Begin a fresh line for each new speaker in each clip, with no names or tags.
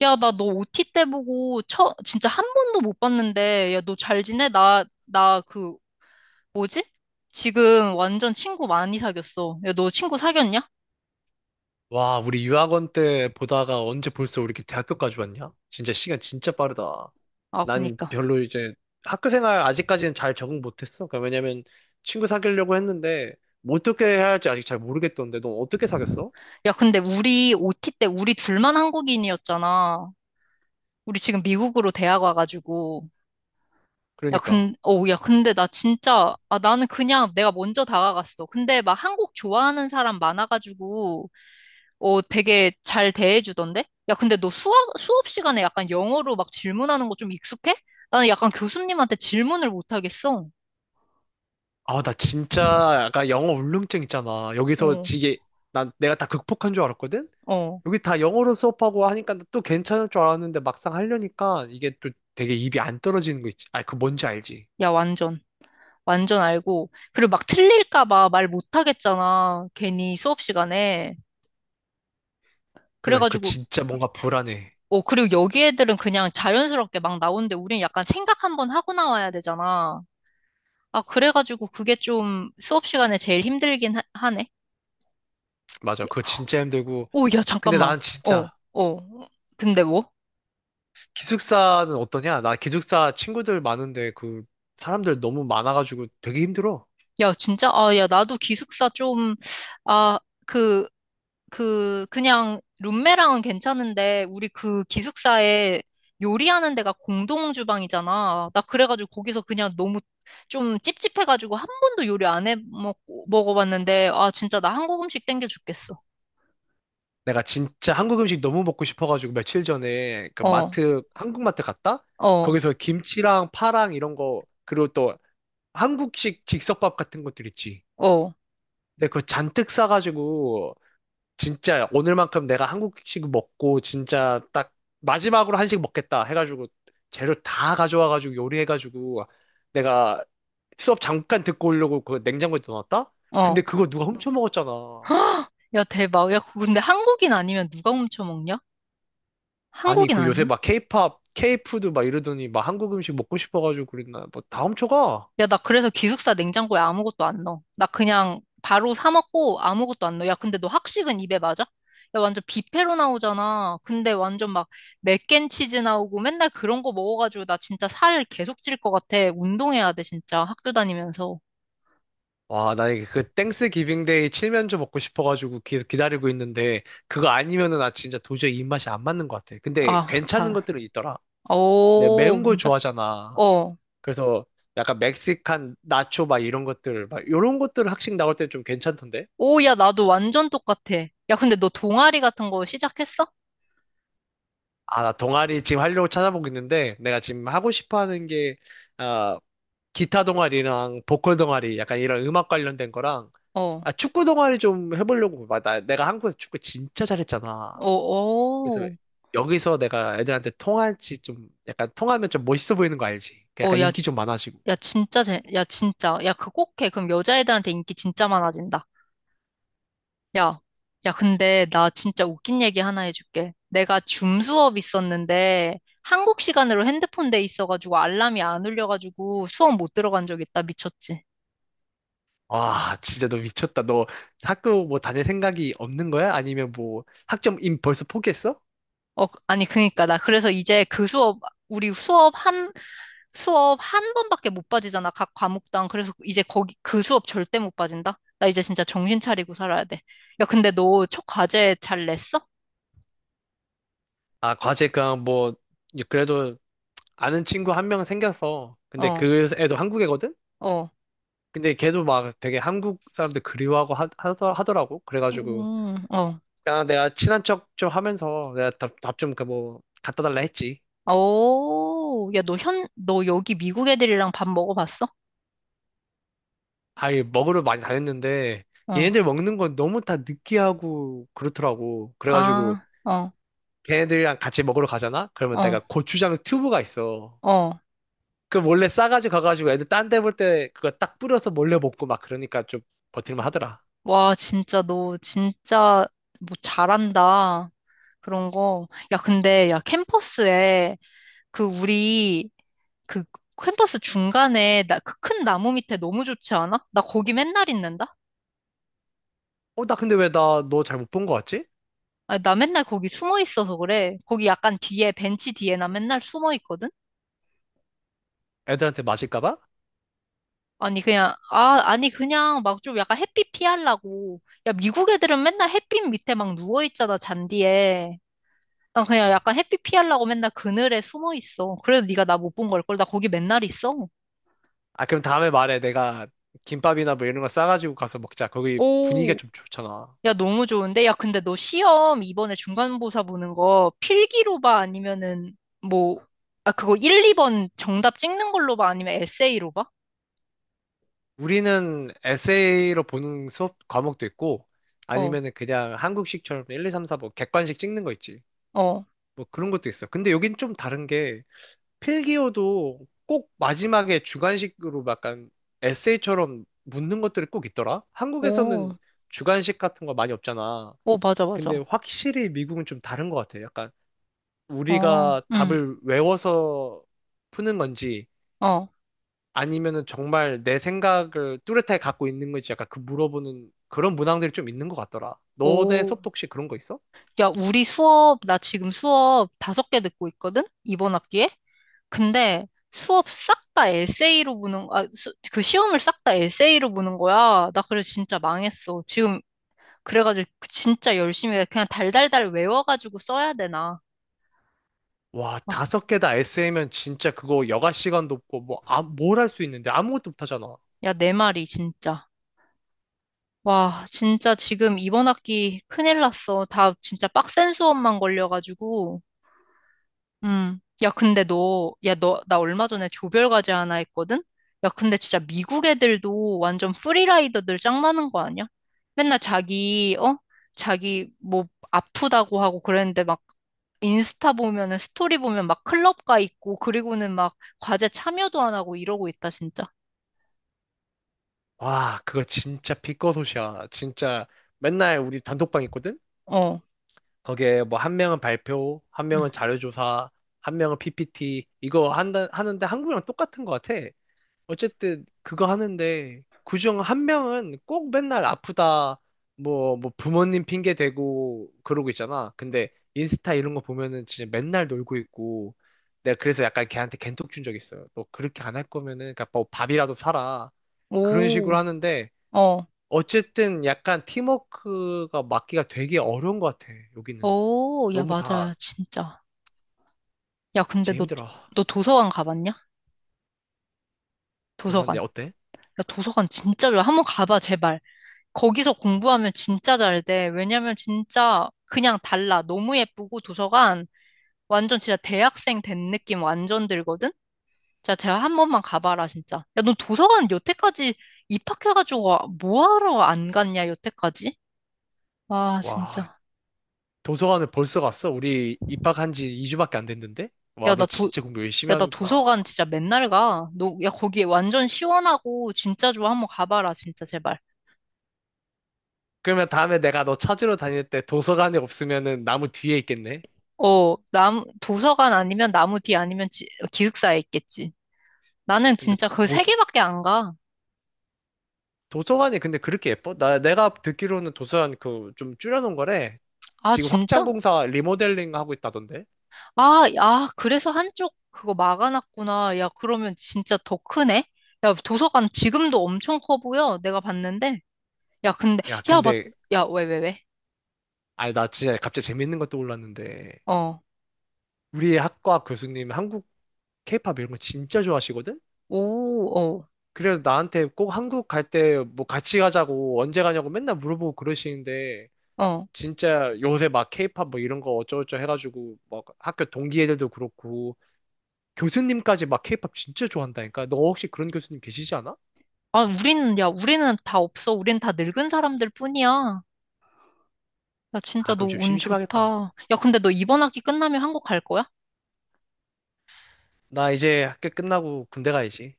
야, 나 너 OT 때 보고 진짜 한 번도 못 봤는데, 야, 너 잘 지내? 나 그, 뭐지? 지금 완전 친구 많이 사귀었어. 야, 너 친구 사귀었냐?
와, 우리 유학원 때 보다가 언제 벌써 우리 이렇게 대학교까지 왔냐? 진짜 시간 진짜 빠르다.
아,
난
그니까.
별로 이제 학교 생활 아직까지는 잘 적응 못했어. 그러니까 왜냐면 친구 사귀려고 했는데 뭐 어떻게 해야 할지 아직 잘 모르겠던데 넌 어떻게 사귀었어?
야, 근데 우리 OT 때 우리 둘만 한국인이었잖아. 우리 지금 미국으로 대학 와가지고. 야,
그러니까.
근, 어, 야, 근데 나 진짜, 아, 나는 그냥 내가 먼저 다가갔어. 근데 막 한국 좋아하는 사람 많아가지고, 되게 잘 대해주던데? 야, 근데 너 수업 시간에 약간 영어로 막 질문하는 거 좀 익숙해? 나는 약간 교수님한테 질문을 못 하겠어.
아, 나 진짜 약간 영어 울렁증 있잖아. 여기서
어,
이게 난 내가 다 극복한 줄 알았거든?
어.
여기 다 영어로 수업하고 하니까 또 괜찮을 줄 알았는데 막상 하려니까 이게 또 되게 입이 안 떨어지는 거 있지. 아, 그 뭔지 알지?
야, 완전. 완전 알고. 그리고 막 틀릴까 봐 말 못 하겠잖아. 괜히 수업 시간에.
그러니까 그
그래가지고,
진짜 뭔가 불안해.
그리고 여기 애들은 그냥 자연스럽게 막 나오는데 우린 약간 생각 한번 하고 나와야 되잖아. 아, 그래가지고 그게 좀 수업 시간에 제일 힘들긴 하네.
맞아. 그거 진짜 힘들고.
오, 야,
근데
잠깐만.
나는
어,
진짜
어. 근데 뭐?
기숙사는 어떠냐? 나 기숙사 친구들 많은데 그 사람들 너무 많아가지고 되게 힘들어.
야, 진짜? 아, 야, 나도 기숙사 좀, 아, 그, 그냥 룸메랑은 괜찮은데, 우리 그 기숙사에 요리하는 데가 공동 주방이잖아. 나 그래가지고 거기서 그냥 너무 좀 찝찝해가지고 한 번도 요리 안 해 먹어봤는데, 아, 진짜 나 한국 음식 땡겨 죽겠어.
내가 진짜 한국 음식 너무 먹고 싶어가지고 며칠 전에 그
어,
마트, 한국 마트 갔다?
어,
거기서 김치랑 파랑 이런 거, 그리고 또 한국식 즉석밥 같은 것들 있지.
어,
근데 그거 잔뜩 싸가지고 진짜 오늘만큼 내가 한국식 먹고 진짜 딱 마지막으로 한식 먹겠다 해가지고 재료 다 가져와가지고 요리해가지고 내가 수업 잠깐 듣고 오려고 그 냉장고에 넣어놨다.
어.
근데 그거 누가 훔쳐 먹었잖아.
헉! 야, 대박. 야, 그거 근데 한국인 아니면 누가 훔쳐 먹냐?
아니
한국인
그 요새
아니면?
막 케이팝, 케이푸드 막 이러더니 막 한국 음식 먹고 싶어가지고 그랬나? 뭐 다 훔쳐가?
야, 나 그래서 기숙사 냉장고에 아무것도 안 넣어. 나 그냥 바로 사 먹고 아무것도 안 넣어. 야, 근데 너 학식은 입에 맞아? 야, 완전 뷔페로 나오잖아. 근데 완전 막 맥앤치즈 나오고 맨날 그런 거 먹어가지고 나 진짜 살 계속 찔 것 같아. 운동해야 돼, 진짜. 학교 다니면서.
와, 나 이게 그 땡스 기빙데이 칠면조 먹고 싶어가지고 기다리고 있는데 그거 아니면은 나 진짜 도저히 입맛이 안 맞는 것 같아. 근데
아,
괜찮은
참.
것들은 있더라. 네,
오,
매운 걸
진짜?
좋아하잖아.
어.
그래서 약간 멕시칸 나초 막 이런 것들, 막 이런 것들 학식 나올 때 좀 괜찮던데?
오, 야, 나도 완전 똑같아. 야, 근데 너 동아리 같은 거 시작했어?
아, 나 동아리 지금 하려고 찾아보고 있는데 내가 지금 하고 싶어 하는 게, 아, 기타 동아리랑 보컬 동아리 약간 이런 음악 관련된 거랑,
어.
아, 축구 동아리 좀 해보려고. 막 나, 내가 한국에서 축구 진짜 잘했잖아.
어,
그래서
오.
여기서 내가 애들한테 통할지 좀, 약간 통하면 좀 멋있어 보이는 거 알지?
어,
약간
야,
인기 좀 많아지고.
야, 진짜, 재, 야, 진짜. 야, 그거 꼭 해. 그럼 여자애들한테 인기 진짜 많아진다. 야, 야, 근데 나 진짜 웃긴 얘기 하나 해줄게. 내가 줌 수업 있었는데 한국 시간으로 핸드폰 돼 있어가지고 알람이 안 울려가지고 수업 못 들어간 적 있다. 미쳤지.
와, 진짜 너 미쳤다. 너 학교 뭐 다닐 생각이 없는 거야? 아니면 뭐 학점 임 벌써 포기했어?
어, 아니, 그니까. 나 그래서 이제 우리 수업 한, 수업 한 번밖에 못 빠지잖아. 각 과목당. 그래서 이제 그 수업 절대 못 빠진다. 나 이제 진짜 정신 차리고 살아야 돼. 야, 근데 너 첫 과제 잘 냈어?
아, 과제 그냥 뭐 그래도 아는 친구 한 명 생겼어. 근데
어,
그 애도 한국애거든?
어.
근데 걔도 막 되게 한국 사람들 그리워하고 하더라고. 그래가지고
어.
야, 내가 친한 척 좀 하면서 내가 답좀뭐 갖다 달라 했지.
오, 야, 너 너 여기 미국 애들이랑 밥 먹어봤어?
아이 먹으러 많이 다녔는데
어.
얘네들 먹는 건 너무 다 느끼하고 그렇더라고. 그래가지고
아, 어,
걔네들이랑 같이 먹으러 가잖아? 그러면
어,
내가 고추장 튜브가 있어.
어.
그 몰래 싸가지고 가가지고 애들 딴데 볼 때 그거 딱 뿌려서 몰래 먹고 막 그러니까 좀 버틸만 하더라.
와, 진짜 너 진짜 뭐 잘한다. 그런 거. 야, 근데 캠퍼스에 그 우리 그 캠퍼스 중간에 그 큰 나무 밑에 너무 좋지 않아? 나 거기 맨날 있는다?
어, 나 근데 왜 나 너 잘 못 본 거 같지?
아, 나 맨날 거기 숨어 있어서 그래. 거기 약간 뒤에 벤치 뒤에 나 맨날 숨어 있거든.
애들한테 맞을까 봐?
아니, 그냥 막 좀 약간 햇빛 피하려고. 야, 미국 애들은 맨날 햇빛 밑에 막 누워 있잖아, 잔디에. 난 그냥 약간 햇빛 피하려고 맨날 그늘에 숨어 있어. 그래도 네가 나 못 본 걸걸 나 거기 맨날 있어.
아, 그럼 다음에 말해. 내가 김밥이나 뭐 이런 거 싸가지고 가서 먹자. 거기 분위기가
오,
좀 좋잖아.
야, 너무 좋은데. 야, 근데 너 시험 이번에 중간고사 보는 거 필기로 봐 아니면은 뭐 그거 1, 2번 정답 찍는 걸로 봐 아니면 에세이로 봐?
우리는 에세이로 보는 수업 과목도 있고
어,
아니면은 그냥 한국식처럼 1, 2, 3, 4 뭐 객관식 찍는 거 있지.
어.
뭐 그런 것도 있어. 근데 여긴 좀 다른 게 필기어도 꼭 마지막에 주관식으로 약간 에세이처럼 묻는 것들이 꼭 있더라?
오.
한국에서는 주관식 같은 거 많이 없잖아.
오, 맞아,
근데
맞아.
확실히 미국은 좀 다른 것 같아. 약간
어
우리가
응
답을 외워서 푸는 건지
어
아니면은 정말 내 생각을 뚜렷하게 갖고 있는 건지 약간 그 물어보는 그런 문항들이 좀 있는 것 같더라. 너네
오
수업도 혹시 그런 거 있어?
야, 우리 나 지금 수업 다섯 개 듣고 있거든? 이번 학기에? 근데 수업 싹 다 에세이로 보는, 아, 수- 그 시험을 싹 다 에세이로 보는 거야. 나 그래서 진짜 망했어. 지금, 그래가지고 그 진짜 열심히 해. 그냥 달달달 외워가지고 써야 되나.
와,
와,
다섯 개다 에세이면 진짜 그거 여가 시간도 없고, 뭐, 아, 뭘 할 수 있는데 아무것도 못 하잖아.
야, 내 말이 진짜. 와, 진짜 지금 이번 학기 큰일 났어. 다 진짜 빡센 수업만 걸려가지고. 음. 야, 근데 나 얼마 전에 조별과제 하나 했거든? 야, 근데 진짜 미국 애들도 완전 프리라이더들 짱 많은 거 아니야? 맨날 자기, 어? 자기 뭐 아프다고 하고 그랬는데 막 인스타 보면은 스토리 보면 막 클럽 가 있고 그리고는 막 과제 참여도 안 하고 이러고 있다, 진짜.
와, 그거 진짜 피꺼소시야. 진짜 맨날 우리 단톡방 있거든?
어.
거기에 뭐 한 명은 발표, 한
응.
명은 자료조사, 한 명은 PPT, 이거 한다, 하는데 한국이랑 똑같은 것 같아. 어쨌든 그거 하는데 그중 한 명은 꼭 맨날 아프다 뭐 뭐 부모님 핑계 대고 그러고 있잖아. 근데 인스타 이런 거 보면은 진짜 맨날 놀고 있고 내가 그래서 약간 걔한테 갠톡 준 적 있어요. 너 그렇게 안 할 거면은 그러니까 뭐 밥이라도 사라. 그런
오.
식으로 하는데
어.
어쨌든 약간 팀워크가 맞기가 되게 어려운 것 같아. 여기는
오, 야,
너무 다
맞아. 진짜. 야, 근데
제
너,
힘들어.
너 도서관 가봤냐?
너선
도서관.
내 어때?
야, 도서관 진짜 좋아. 한번 가봐, 제발. 거기서 공부하면 진짜 잘 돼. 왜냐면 진짜 그냥 달라. 너무 예쁘고 도서관 완전 진짜 대학생 된 느낌 완전 들거든? 자, 제가 한 번만 가봐라, 진짜. 야, 너 도서관 여태까지 입학해가지고 뭐 하러 안 갔냐, 여태까지? 와,
와,
진짜.
도서관을 벌써 갔어? 우리 입학한 지 2주밖에 안 됐는데?
야,
와, 너
나 도,
진짜 공부 열심히
야, 나
하는구나.
도서관 진짜 맨날 가. 너, 야, 거기 완전 시원하고 진짜 좋아. 한 번 가봐라, 진짜, 제발.
그러면 다음에 내가 너 찾으러 다닐 때 도서관에 없으면은 나무 뒤에 있겠네?
어, 도서관 아니면 나무 뒤 아니면 기숙사에 있겠지. 나는
근데
진짜 그 세
도서,
개밖에 안 가.
도서관이 근데 그렇게 예뻐? 나, 내가 듣기로는 도서관 그 좀 줄여놓은 거래.
아,
지금
진짜?
확장공사 리모델링 하고 있다던데?
아, 아, 그래서 한쪽 그거 막아놨구나. 야, 그러면 진짜 더 크네? 야, 도서관 지금도 엄청 커 보여. 내가 봤는데. 야, 근데,
야,
야, 맞,
근데,
야, 왜, 왜, 왜?
아니, 나 진짜 갑자기 재밌는 것도 올랐는데
어,
우리 학과 교수님 한국 케이팝 이런 거 진짜 좋아하시거든?
오, 어,
그래서 나한테 꼭 한국 갈 때 뭐 같이 가자고 언제 가냐고 맨날 물어보고 그러시는데
어.
진짜 요새 막 케이팝 뭐 이런 거 어쩌고저쩌고 해가지고 막 학교 동기 애들도 그렇고 교수님까지 막 케이팝 진짜 좋아한다니까 너 혹시 그런 교수님 계시지 않아?
우리는 다 없어. 우린 다 늙은 사람들 뿐이야. 야, 진짜
아
너
그럼 좀
운
심심하겠다.
좋다. 야, 근데 너 이번 학기 끝나면 한국 갈 거야?
나 이제 학교 끝나고 군대 가야지.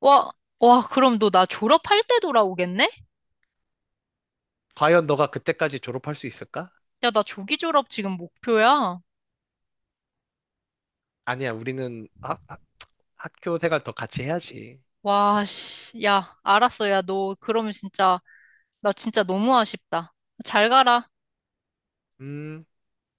와, 와, 그럼 너 나 졸업할 때 돌아오겠네?
과연 너가 그때까지 졸업할 수 있을까?
야, 나 조기 졸업 지금 목표야.
아니야 우리는 학교 생활 더 같이 해야지.
와, 씨. 야, 알았어. 야, 너 그러면 진짜, 나 진짜 너무 아쉽다. 잘 가라.
음